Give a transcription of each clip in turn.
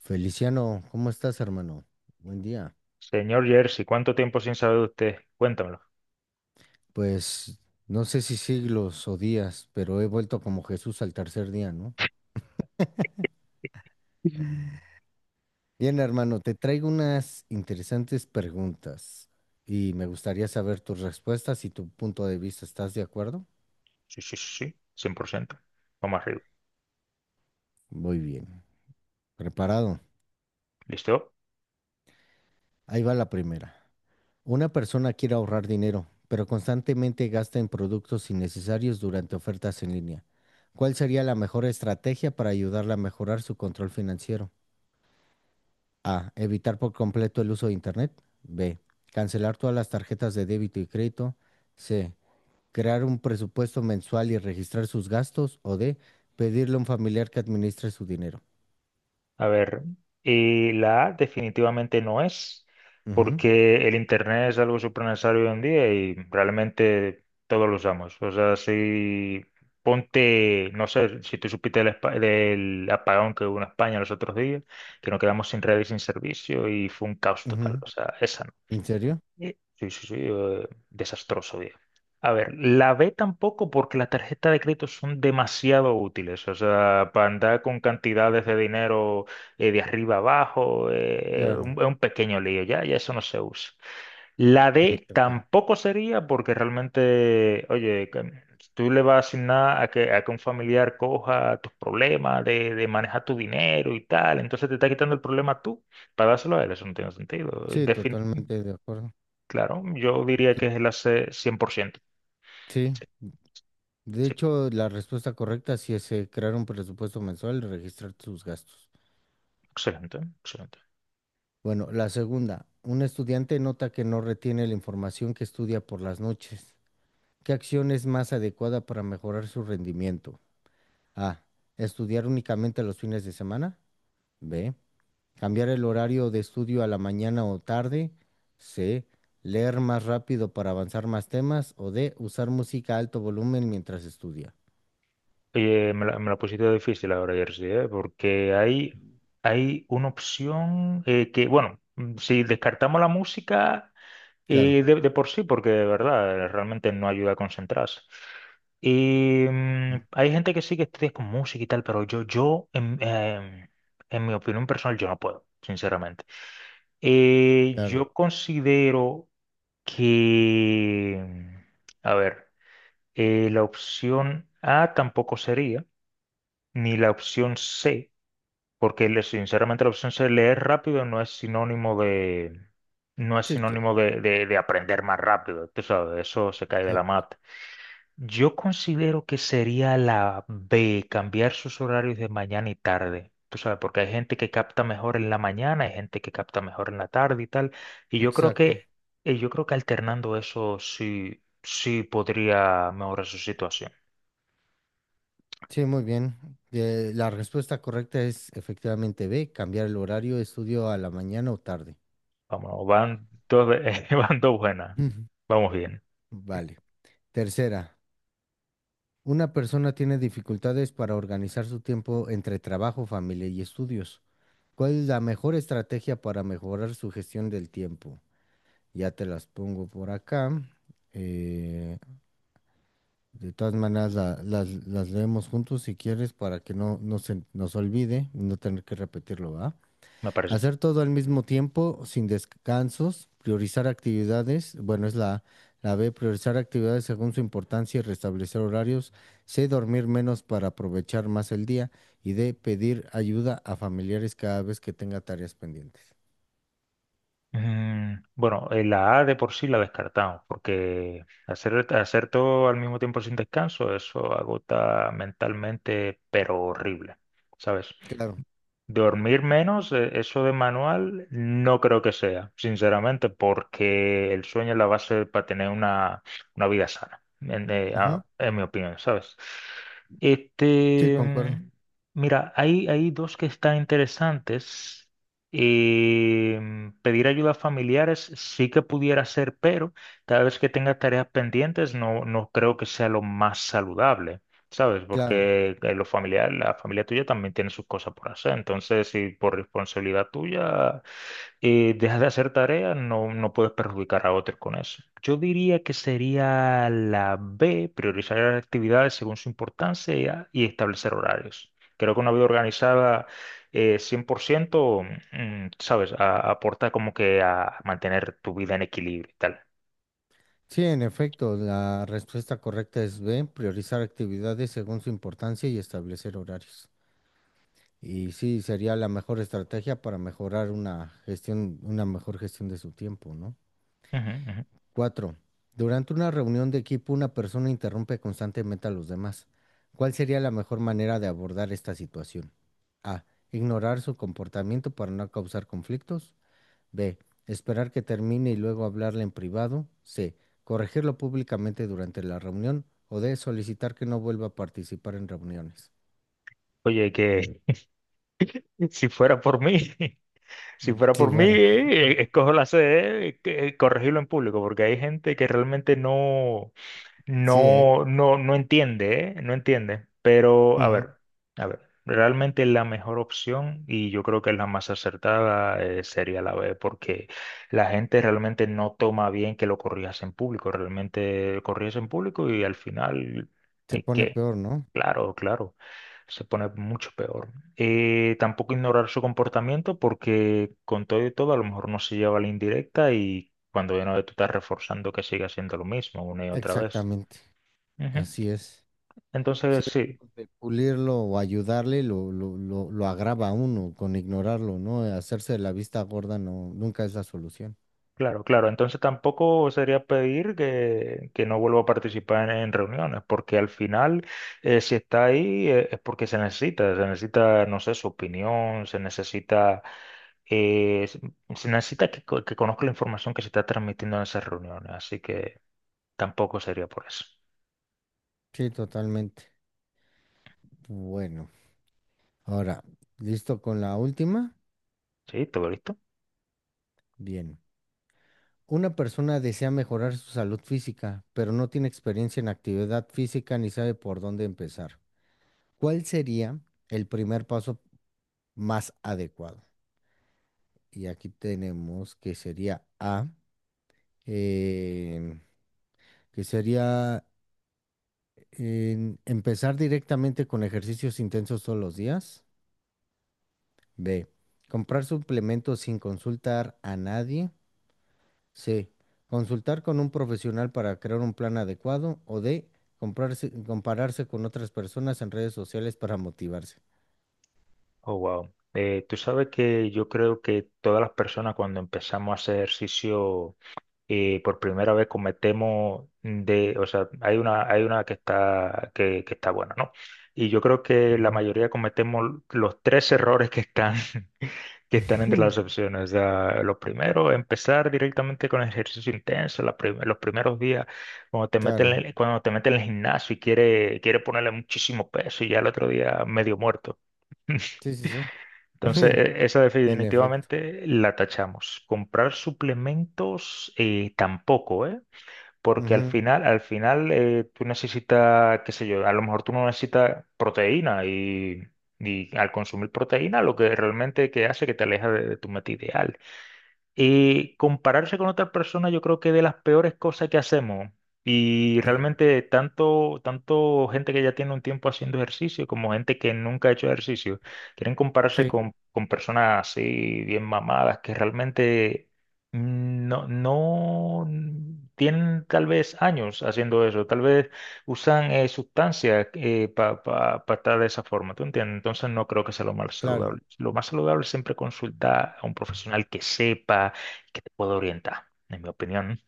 Feliciano, ¿cómo estás, hermano? Buen día. Señor Jersey, ¿cuánto tiempo sin saber de usted? Cuéntamelo. Pues no sé si siglos o días, pero he vuelto como Jesús al tercer día, ¿no? Mm. Bien, hermano, te traigo unas interesantes preguntas y me gustaría saber tus respuestas y tu punto de vista. ¿Estás de acuerdo? Sí, sí, sí, sí, 100%. Vamos arriba. Muy bien. Preparado. ¿Listo? Ahí va la primera. Una persona quiere ahorrar dinero, pero constantemente gasta en productos innecesarios durante ofertas en línea. ¿Cuál sería la mejor estrategia para ayudarla a mejorar su control financiero? A. Evitar por completo el uso de Internet. B. Cancelar todas las tarjetas de débito y crédito. C. Crear un presupuesto mensual y registrar sus gastos. O D. Pedirle a un familiar que administre su dinero. A ver, y la A definitivamente no es, Ujú, porque el Internet es algo súper necesario hoy en día y realmente todos lo usamos. O sea, si ponte, no sé, si tú supiste del, del apagón que hubo en España los otros días, que nos quedamos sin red y sin servicio y fue un caos total. ujú. O sea, esa no. ¿En serio? Sí, sí, sí, desastroso, bien. A ver, la B tampoco porque las tarjetas de crédito son demasiado útiles, o sea, para andar con cantidades de dinero de arriba abajo, Claro. es un pequeño lío, ya eso no se usa. La Ok, D ok. tampoco sería porque realmente, oye, que tú le vas a asignar a que un familiar coja tus problemas de manejar tu dinero y tal, entonces te está quitando el problema tú para dárselo a él, eso no tiene sentido. Sí, totalmente de acuerdo. Claro, yo diría que es el AC 100%. Sí. Sí, De sí, hecho, la respuesta correcta sí es, crear un presupuesto mensual y registrar sus gastos. excelente, excelente. Bueno, la segunda. Un estudiante nota que no retiene la información que estudia por las noches. ¿Qué acción es más adecuada para mejorar su rendimiento? A. Estudiar únicamente los fines de semana. B. Cambiar el horario de estudio a la mañana o tarde. C. Leer más rápido para avanzar más temas. O D. Usar música a alto volumen mientras estudia. Oye, me la pusiste difícil ahora, Jersey, ¿eh? Porque hay una opción que, bueno, si descartamos la música Claro, de por sí, porque de verdad realmente no ayuda a concentrarse. Y mm, hay gente que sí que estudia con música y tal, pero yo en mi opinión personal, yo no puedo, sinceramente. Claro. Yo considero que, a ver, la opción A tampoco sería, ni la opción C, porque sinceramente la opción C, leer rápido, no es sinónimo de, no es Sí, sinónimo de aprender más rápido, tú sabes, eso se cae de cla- la mata. Yo considero que sería la B, cambiar sus horarios de mañana y tarde. Tú sabes, porque hay gente que capta mejor en la mañana, hay gente que capta mejor en la tarde y tal. Y Exacto. Yo creo que alternando eso sí, sí podría mejorar su situación. Sí, muy bien. La respuesta correcta es efectivamente B. Cambiar el horario de estudio a la mañana o tarde. Vamos, van dos, van dos buenas. Ujú. Vamos bien, Vale. Tercera. Una persona tiene dificultades para organizar su tiempo entre trabajo, familia y estudios. ¿Cuál es la mejor estrategia para mejorar su gestión del tiempo? Ya te las pongo por acá. Eh, de todas maneras, las leemos juntos si quieres para que no, no se nos olvide y no tener que repetirlo, ¿va? me parece. Hacer todo al mismo tiempo, sin descansos, priorizar actividades, bueno, es la, la B, priorizar actividades según su importancia y restablecer horarios, C, dormir menos para aprovechar más el día y D, pedir ayuda a familiares cada vez que tenga tareas pendientes. Bueno, la A de por sí la descartamos, porque hacer todo al mismo tiempo sin descanso, eso agota mentalmente, pero horrible, ¿sabes? Claro. Dormir menos, eso de manual, no creo que sea, sinceramente, porque el sueño es la base para tener una vida sana, Ujú. En mi opinión, ¿sabes? Sí, Este, concuerdo. mm, mira, hay dos que están interesantes. Pedir ayuda a familiares sí que pudiera ser, pero cada vez que tenga tareas pendientes, no, no creo que sea lo más saludable. ¿Sabes? Claro. Porque los familiares, la familia tuya también tiene sus cosas por hacer. Entonces, si por responsabilidad tuya dejas de hacer tareas, no, no puedes perjudicar a otros con eso. Yo diría que sería la B, priorizar las actividades según su importancia y establecer horarios. Creo que una vida organizada 100%, ¿sabes? Aporta como que a mantener tu vida en equilibrio y tal. Sí, en efecto, la respuesta correcta es B, priorizar actividades según su importancia y establecer horarios. Y sí, sería la mejor estrategia para mejorar una gestión, una mejor gestión de su tiempo, ¿no? Ujú, ujú. Cuatro, durante una reunión de equipo, una persona interrumpe constantemente a los demás. ¿Cuál sería la mejor manera de abordar esta situación? A. Ignorar su comportamiento para no causar conflictos. B. Esperar que termine y luego hablarle en privado. C. Corregirlo públicamente durante la reunión. O D. Solicitar que no vuelva a participar en reuniones. Oye, que si fuera por mí, si fuera Sí, por mí, bueno, escojo la sede, corregirlo en público, porque hay gente que realmente no. sí, No, no, no entiende, ¿eh? No entiende. Pero, ¿eh? A ver, realmente la mejor opción, y yo creo que es la más acertada, sería la B, porque la gente realmente no toma bien que lo corrijas en público. Realmente corrías en público y al final Se hay pone que, peor, ¿no? claro, claro, se pone mucho peor. Tampoco ignorar su comportamiento, porque con todo y todo, a lo mejor no se lleva la indirecta y cuando de nuevo tú estás reforzando que siga haciendo lo mismo una y otra vez. Exactamente, Ujú. así es. Si Entonces, sí, es de pulirlo o ayudarle, lo agrava a uno con ignorarlo, ¿no? Hacerse de la vista gorda no, nunca es la solución. claro, claro. Entonces tampoco sería pedir que no vuelva a participar en reuniones, porque al final, si está ahí, es porque se necesita, no sé, su opinión, se necesita, eh, se se necesita que conozca la información que se está transmitiendo en esas reuniones, así que tampoco sería por eso. Sí, totalmente. Bueno, ahora, ¿listo con la última? ¿Sí? ¿Todo listo? Bien. Una persona desea mejorar su salud física, pero no tiene experiencia en actividad física ni sabe por dónde empezar. ¿Cuál sería el primer paso más adecuado? Y aquí tenemos que sería A. eh, que sería empezar directamente con ejercicios intensos todos los días. B, comprar suplementos sin consultar a nadie. C, consultar con un profesional para crear un plan adecuado. O D, compararse con otras personas en redes sociales para motivarse. Oh, wow. Tú sabes que yo creo que todas las personas cuando empezamos a hacer ejercicio y por primera vez cometemos de, o sea, hay una que está, que está buena, ¿no? Y yo creo que la Ujú. mayoría cometemos los tres errores que están, que están entre las opciones. O sea, lo primero, empezar directamente con ejercicio intenso, los primeros días, cuando te meten, Claro, cuando te meten en el gimnasio y quiere ponerle muchísimo peso y ya el otro día medio muerto. sí, sí, sí. Entonces, esa En efecto. definitivamente la tachamos. Comprar suplementos tampoco, ¿eh? Porque Ujú. Al final tú necesitas, qué sé yo, a lo mejor tú no necesitas proteína y al consumir proteína lo que realmente que hace que te aleja de tu meta ideal. Compararse con otra persona yo creo que es de las peores cosas que hacemos. Y Claro. realmente tanto gente que ya tiene un tiempo haciendo ejercicio como gente que nunca ha hecho ejercicio, quieren compararse Sí, con personas así bien mamadas que realmente no, no tienen tal vez años haciendo eso. Tal vez usan sustancias para estar de esa forma, ¿tú entiendes? Entonces no creo que sea lo más claro. saludable. Lo más saludable es siempre consultar a un profesional que sepa, que te pueda orientar, en mi opinión, ¿no?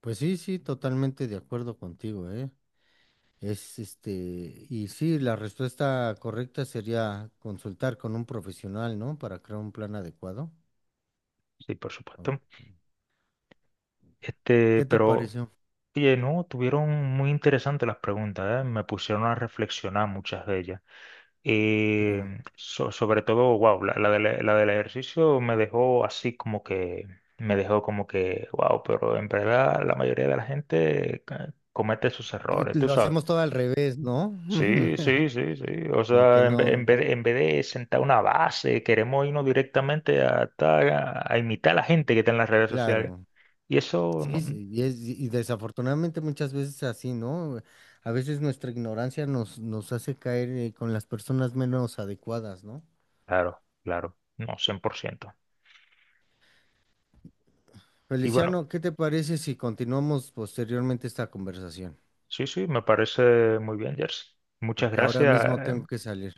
Pues sí, sí, totalmente de acuerdo contigo, ¿eh? Es este, y sí, la respuesta correcta sería consultar con un profesional, ¿no? Para crear un plan adecuado. Sí, por ¿O supuesto. Este, ¿Qué te pero, pareció? oye, no, tuvieron muy interesantes las preguntas, ¿eh? Me pusieron a reflexionar muchas de ellas. Y Claro. Sobre todo, wow, la del ejercicio me dejó así como que, me dejó como que, wow, pero en verdad la mayoría de la gente comete sus Tú- errores, tú tú lo sabes. hacemos todo al revés, ¿no? Sí, sí, sí, sí. O Como que sea, no, en vez de sentar una base, queremos irnos directamente a, a imitar a la gente que está en las redes sociales. claro. Y eso, no, Sí, sí, y, y desafortunadamente muchas veces así, ¿no? A veces nuestra ignorancia nos hace caer, con las personas menos adecuadas, ¿no? claro, claro, no, cien por ciento. Y bueno, Feliciano, ¿qué te parece si continuamos posteriormente esta conversación? sí, sí, me parece muy bien, Jersey. Muchas Porque ahora mismo gracias. tengo que salir.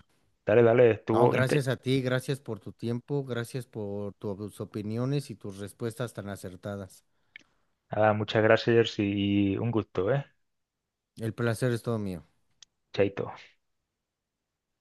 Dale, dale, No, estuvo gracias a ti, gracias por tu tiempo, gracias por tus opiniones y tus respuestas tan acertadas. nada, muchas gracias Jersey, y un gusto, ¿eh? El placer es todo mío. Chaito.